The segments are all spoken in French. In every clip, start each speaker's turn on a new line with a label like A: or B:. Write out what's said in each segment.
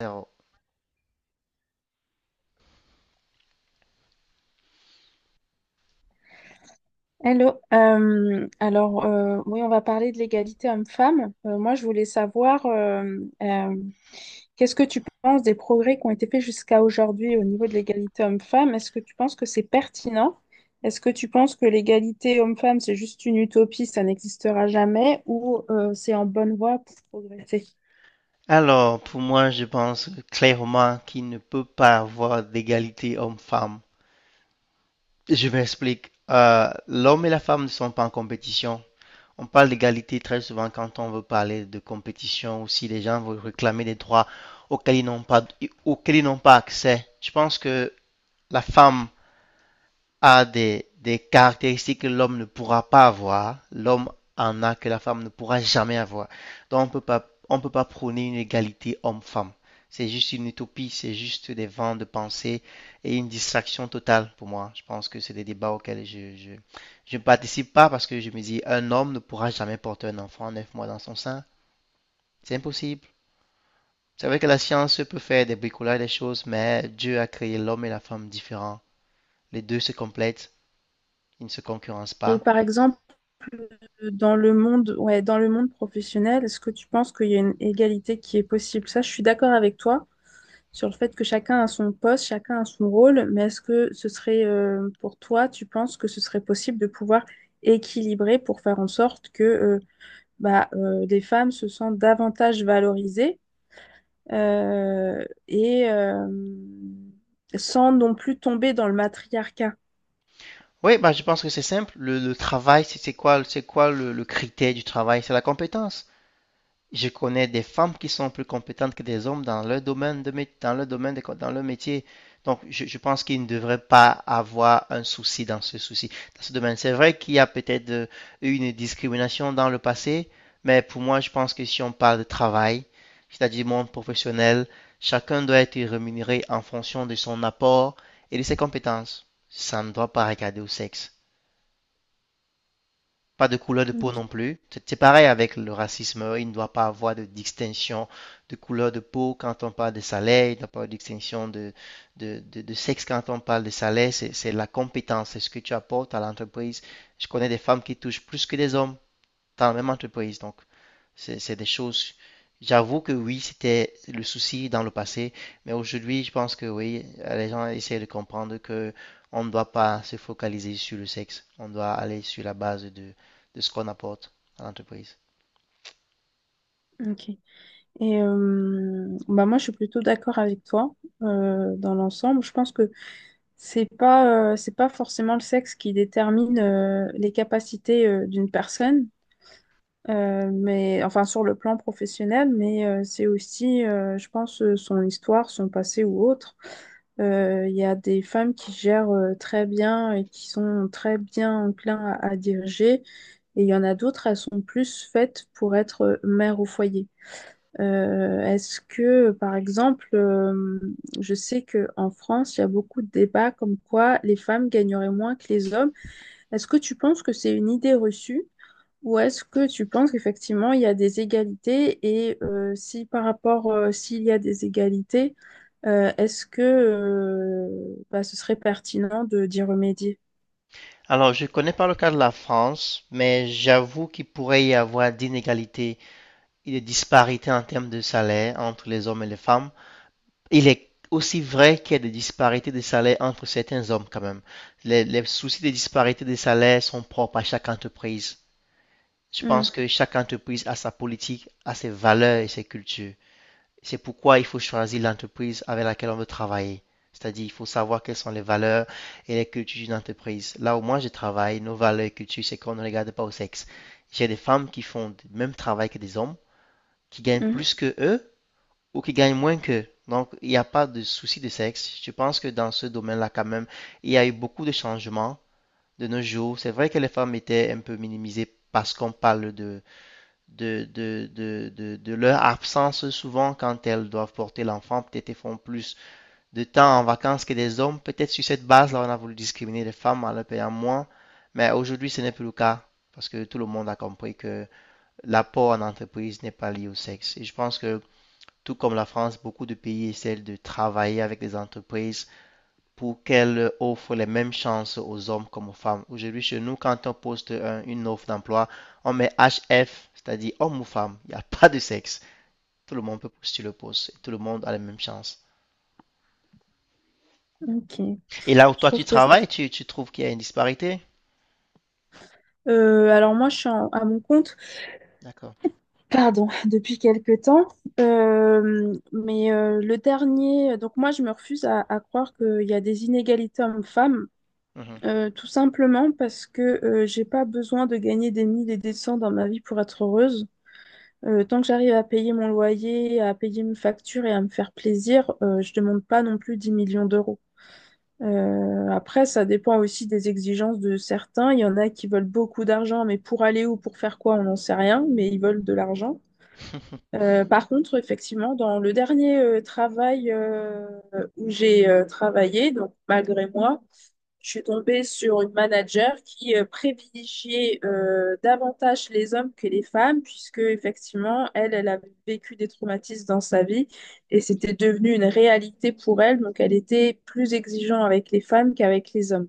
A: Zéro.
B: Hello. Oui, on va parler de l'égalité homme-femme. Moi, je voulais savoir, euh, qu'est-ce que tu penses des progrès qui ont été faits jusqu'à aujourd'hui au niveau de l'égalité homme-femme? Est-ce que tu penses que c'est pertinent? Est-ce que tu penses que l'égalité homme-femme, c'est juste une utopie, ça n'existera jamais, ou c'est en bonne voie pour progresser?
A: Alors, pour moi, je pense clairement qu'il ne peut pas avoir d'égalité homme-femme. Je m'explique. L'homme et la femme ne sont pas en compétition. On parle d'égalité très souvent quand on veut parler de compétition ou si les gens veulent réclamer des droits auxquels ils n'ont pas, auxquels ils n'ont pas accès. Je pense que la femme a des caractéristiques que l'homme ne pourra pas avoir, l'homme en a que la femme ne pourra jamais avoir. Donc on peut pas prôner une égalité homme-femme. C'est juste une utopie, c'est juste des vents de pensée et une distraction totale pour moi. Je pense que c'est des débats auxquels je ne participe pas parce que je me dis un homme ne pourra jamais porter un enfant à 9 mois dans son sein. C'est impossible. C'est vrai que la science peut faire des bricolages, des choses, mais Dieu a créé l'homme et la femme différents. Les deux se complètent, ils ne se concurrencent
B: Et
A: pas.
B: par exemple, dans le monde, ouais, dans le monde professionnel, est-ce que tu penses qu'il y a une égalité qui est possible? Ça, je suis d'accord avec toi sur le fait que chacun a son poste, chacun a son rôle, mais est-ce que ce serait pour toi, tu penses que ce serait possible de pouvoir équilibrer pour faire en sorte que des femmes se sentent davantage valorisées euh, et euh, sans non plus tomber dans le matriarcat.
A: Oui, bah, je pense que c'est simple. Le travail, c'est quoi, c'est quoi le critère du travail? C'est la compétence. Je connais des femmes qui sont plus compétentes que des hommes dans leur domaine de, mé- dans leur domaine de co- dans leur métier. Donc, je pense qu'ils ne devraient pas avoir un souci dans ce domaine. C'est vrai qu'il y a peut-être eu une discrimination dans le passé, mais pour moi, je pense que si on parle de travail, c'est-à-dire monde professionnel, chacun doit être rémunéré en fonction de son apport et de ses compétences. Ça ne doit pas regarder au sexe pas de couleur de peau non plus. C'est pareil avec le racisme. Il ne doit pas avoir de distinction de couleur de peau quand on parle de salaire. Il ne doit pas avoir de distinction de sexe quand on parle de salaire. C'est la compétence, c'est ce que tu apportes à l'entreprise. Je connais des femmes qui touchent plus que des hommes dans la même entreprise. Donc, c'est des choses. J'avoue que oui, c'était le souci dans le passé, mais aujourd'hui, je pense que oui, les gens essaient de comprendre que on ne doit pas se focaliser sur le sexe. On doit aller sur la base de ce qu'on apporte à l'entreprise.
B: Ok. Bah moi, je suis plutôt d'accord avec toi dans l'ensemble. Je pense que c'est pas forcément le sexe qui détermine les capacités d'une personne. Mais enfin sur le plan professionnel, c'est aussi, je pense, son histoire, son passé ou autre. Il y a des femmes qui gèrent très bien et qui sont très bien enclins à diriger, et il y en a d'autres, elles sont plus faites pour être mères au foyer. Est-ce que, par exemple, je sais qu'en France, il y a beaucoup de débats comme quoi les femmes gagneraient moins que les hommes. Est-ce que tu penses que c'est une idée reçue? Ou est-ce que tu penses qu'effectivement il y a des égalités et si par rapport s'il y a des égalités, est-ce que ce serait pertinent de d'y remédier?
A: Alors, je ne connais pas le cas de la France, mais j'avoue qu'il pourrait y avoir d'inégalités et de disparités en termes de salaire entre les hommes et les femmes. Il est aussi vrai qu'il y a des disparités de salaire entre certains hommes quand même. Les soucis des disparités de salaire sont propres à chaque entreprise. Je pense
B: Hmm.
A: que chaque entreprise a sa politique, a ses valeurs et ses cultures. C'est pourquoi il faut choisir l'entreprise avec laquelle on veut travailler. C'est-à-dire, il faut savoir quelles sont les valeurs et les cultures d'une entreprise. Là où moi je travaille, nos valeurs et cultures, c'est qu'on ne regarde pas au sexe. J'ai des femmes qui font le même travail que des hommes, qui gagnent
B: Hmm.
A: plus que eux, ou qui gagnent moins qu'eux. Donc, il n'y a pas de souci de sexe. Je pense que dans ce domaine-là, quand même, il y a eu beaucoup de changements de nos jours. C'est vrai que les femmes étaient un peu minimisées parce qu'on parle de leur absence souvent quand elles doivent porter l'enfant. Peut-être elles font plus de temps en vacances que des hommes. Peut-être sur cette base-là, on a voulu discriminer les femmes en leur payant moins. Mais aujourd'hui, ce n'est plus le cas parce que tout le monde a compris que l'apport en entreprise n'est pas lié au sexe. Et je pense que tout comme la France, beaucoup de pays essaient de travailler avec les entreprises pour qu'elles offrent les mêmes chances aux hommes comme aux femmes. Aujourd'hui, chez nous, quand on poste une offre d'emploi, on met HF, c'est-à-dire homme ou femme. Il n'y a pas de sexe. Tout le monde peut postuler le poste. Tout le monde a les mêmes chances.
B: Ok.
A: Et là où
B: Je
A: toi, tu
B: trouve que c'est-
A: travailles, tu trouves qu'il y a une disparité?
B: Alors moi je suis à mon compte,
A: D'accord.
B: pardon, depuis quelque temps. Le dernier, donc moi je me refuse à croire qu'il y a des inégalités hommes-femmes.
A: Mhm.
B: Tout simplement parce que j'ai pas besoin de gagner des 1000 et des 100 dans ma vie pour être heureuse. Tant que j'arrive à payer mon loyer, à payer mes factures et à me faire plaisir, je demande pas non plus 10 millions d'euros. Après, ça dépend aussi des exigences de certains. Il y en a qui veulent beaucoup d'argent, mais pour aller où, pour faire quoi, on n'en sait rien, mais ils veulent de l'argent. Par contre, effectivement, dans le dernier travail où j'ai travaillé, donc malgré moi, je suis tombée sur une manager qui privilégiait davantage les hommes que les femmes, puisque effectivement, elle avait vécu des traumatismes dans sa vie et c'était devenu une réalité pour elle. Donc, elle était plus exigeante avec les femmes qu'avec les hommes.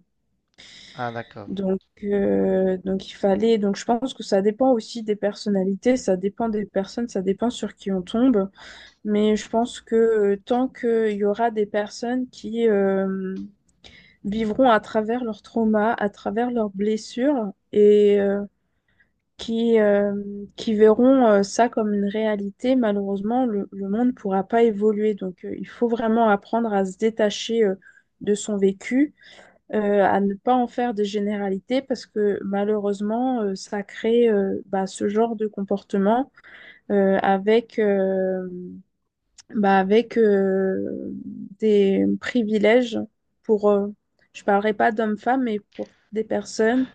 A: Ah, d'accord.
B: Donc il fallait. Donc, je pense que ça dépend aussi des personnalités, ça dépend des personnes, ça dépend sur qui on tombe. Mais je pense que tant qu'il y aura des personnes qui vivront à travers leurs traumas, à travers leurs blessures et qui, euh, qui verront ça comme une réalité. Malheureusement, le monde ne pourra pas évoluer. Donc, il faut vraiment apprendre à se détacher de son vécu, à ne pas en faire des généralités parce que malheureusement, ça crée ce genre de comportement euh, avec... euh, avec des privilèges pour, je parlerai pas d'hommes-femmes, mais pour des personnes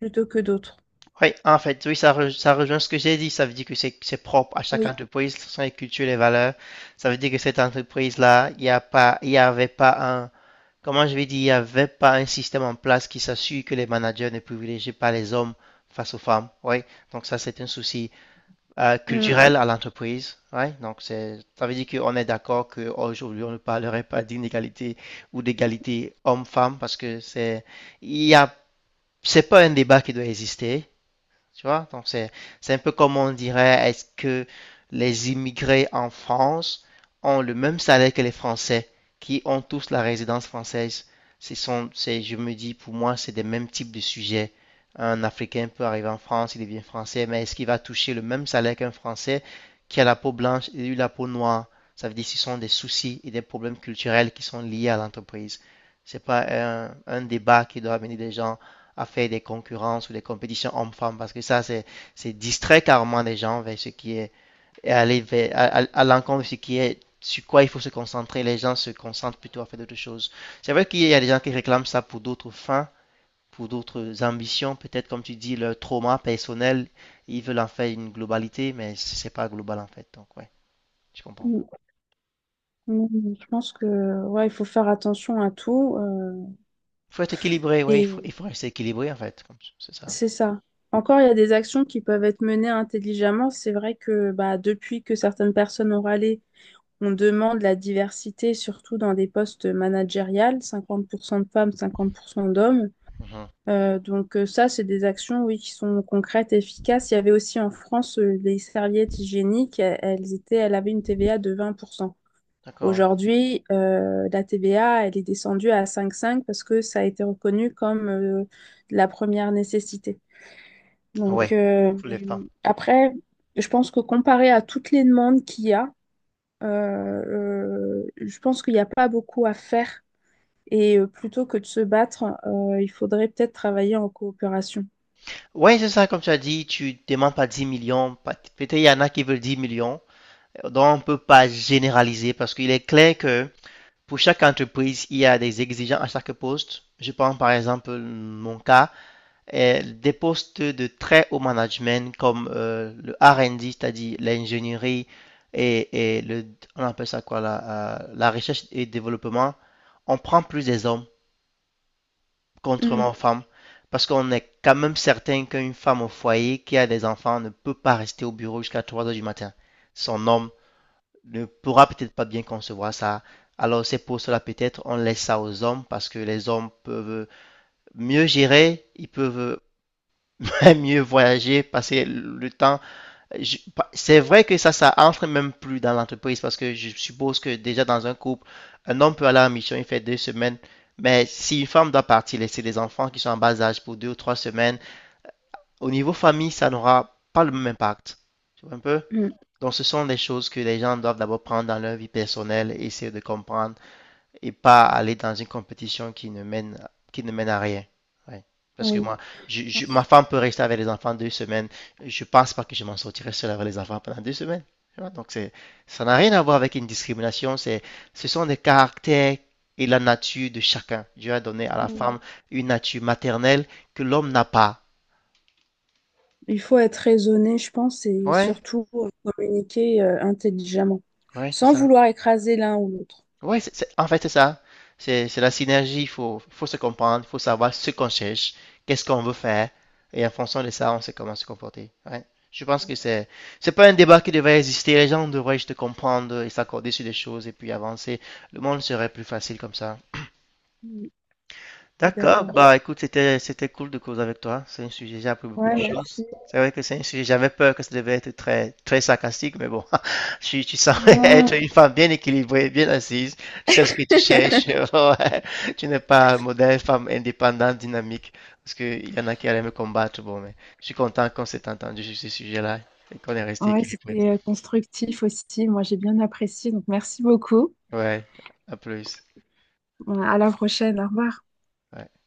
B: plutôt que d'autres.
A: Oui, en fait, oui, ça, ça rejoint ce que j'ai dit. Ça veut dire que c'est propre à chaque
B: Oui.
A: entreprise, ce sont les cultures, les valeurs. Ça veut dire que cette entreprise-là, il y avait pas un, comment je vais dire, il n'y avait pas un système en place qui s'assure que les managers ne privilégient pas les hommes face aux femmes. Oui, donc ça, c'est un souci
B: Mm.
A: culturel à l'entreprise. Oui, donc c'est, ça veut dire qu'on est d'accord qu'aujourd'hui, on ne parlerait pas d'inégalité ou d'égalité homme-femme parce que c'est, il y a, c'est pas un débat qui doit exister. Tu vois? Donc, c'est un peu comme on dirait, est-ce que les immigrés en France ont le même salaire que les Français qui ont tous la résidence française? Ce sont, c'est, je me dis, pour moi, c'est des mêmes types de sujets. Un Africain peut arriver en France, il devient français, mais est-ce qu'il va toucher le même salaire qu'un Français qui a la peau blanche et lui la peau noire? Ça veut dire que ce sont des soucis et des problèmes culturels qui sont liés à l'entreprise. C'est pas un débat qui doit venir des gens à faire des concurrences ou des compétitions hommes-femmes parce que ça, c'est distrait carrément les gens vers ce qui est, et aller vers, à l'encontre de ce qui est sur quoi il faut se concentrer. Les gens se concentrent plutôt à faire d'autres choses. C'est vrai qu'il y a des gens qui réclament ça pour d'autres fins, pour d'autres ambitions, peut-être comme tu dis, leur trauma personnel, ils veulent en faire une globalité, mais c'est pas global en fait. Donc, ouais, je comprends.
B: Mm. Mm. Mm. Je pense que ouais, il faut faire attention à tout. euh,
A: Il faut être équilibré, ouais, il
B: et
A: faut rester équilibré en fait, comme- c'est ça.
B: c'est ça. Encore, il y a des actions qui peuvent être menées intelligemment. C'est vrai que depuis que certaines personnes ont râlé, on demande la diversité, surtout dans des postes managériels, 50% de femmes, 50% d'hommes.
A: Mhm.
B: Donc ça, c'est des actions, oui, qui sont concrètes et efficaces. Il y avait aussi en France les serviettes hygiéniques, elles étaient, elles avaient une TVA de 20%.
A: D'accord.
B: Aujourd'hui, la TVA, elle est descendue à 5,5 parce que ça a été reconnu comme de la première nécessité. Donc
A: Ouais,
B: euh,
A: pour les femmes.
B: après, je pense que comparé à toutes les demandes qu'il y a, je pense qu'il n'y a pas beaucoup à faire. Plutôt que de se battre, il faudrait peut-être travailler en coopération.
A: Ouais, c'est ça, comme tu as dit, tu demandes pas 10 millions. Peut-être il y en a qui veulent 10 millions. Donc, on ne peut pas généraliser parce qu'il est clair que pour chaque entreprise, il y a des exigences à chaque poste. Je prends par exemple mon cas, des postes de très haut management comme le R&D, c'est-à-dire l'ingénierie et le, on appelle ça quoi, la recherche et développement. On prend plus des hommes contrairement
B: Mm.
A: aux femmes. Parce qu'on est quand même certain qu'une femme au foyer qui a des enfants ne peut pas rester au bureau jusqu'à 3 heures du matin. Son homme ne pourra peut-être pas bien concevoir ça. Alors c'est pour cela peut-être on laisse ça aux hommes parce que les hommes peuvent mieux gérer, ils peuvent mieux voyager, passer le temps je- c'est vrai que ça entre même plus dans l'entreprise parce que je suppose que déjà dans un couple, un homme peut aller en mission, il fait 2 semaines, mais si une femme doit partir, laisser les enfants qui sont en bas âge pour 2 ou 3 semaines, au niveau famille, ça n'aura pas le même impact. Tu vois un peu?
B: Mm.
A: Donc ce sont des choses que les gens doivent d'abord prendre dans leur vie personnelle et essayer de comprendre et pas aller dans une compétition qui ne mène à rien. Ouais. Parce que
B: Oui,
A: moi,
B: je
A: ma
B: pense.
A: femme peut rester avec les enfants 2 semaines. Je pense pas que je m'en sortirai seul avec les enfants pendant 2 semaines. Donc ça n'a rien à voir avec une discrimination. C'est, ce sont des caractères et la nature de chacun. Dieu a donné à la
B: Oui.
A: femme une nature maternelle que l'homme n'a pas.
B: Il faut être raisonné, je pense, et
A: Ouais,
B: surtout communiquer intelligemment,
A: ouais, c'est
B: sans
A: ça.
B: vouloir écraser l'un ou l'autre.
A: Oui, en fait, c'est ça. C'est la synergie. Faut se comprendre, il faut savoir ce qu'on cherche, qu'est-ce qu'on veut faire. Et en fonction de ça, on sait comment se comporter. Ouais. Je pense que c'est pas un débat qui devrait exister. Les gens devraient juste comprendre et s'accorder sur des choses et puis avancer. Le monde serait plus facile comme ça.
B: Mm. Je suis
A: D'accord,
B: d'accord.
A: bah écoute, c'était cool de causer avec toi. C'est un sujet, j'ai appris beaucoup de
B: Ouais,
A: choses.
B: merci.
A: C'est vrai que c'est un sujet, j'avais peur que ça devait être très très sarcastique, mais bon, tu semblais être
B: Non.
A: une femme bien équilibrée, bien assise. Tu sais ce que tu cherches. Ouais. Tu n'es pas un modèle femme indépendante, dynamique, parce qu'il y en a qui allaient me combattre. Bon, mais je suis content qu'on s'est entendu sur ce sujet-là et qu'on est resté
B: Ouais,
A: équilibré.
B: c'était constructif aussi. Moi, j'ai bien apprécié. Donc, merci beaucoup.
A: Ouais, à plus.
B: À la prochaine. Au revoir.
A: Ouais.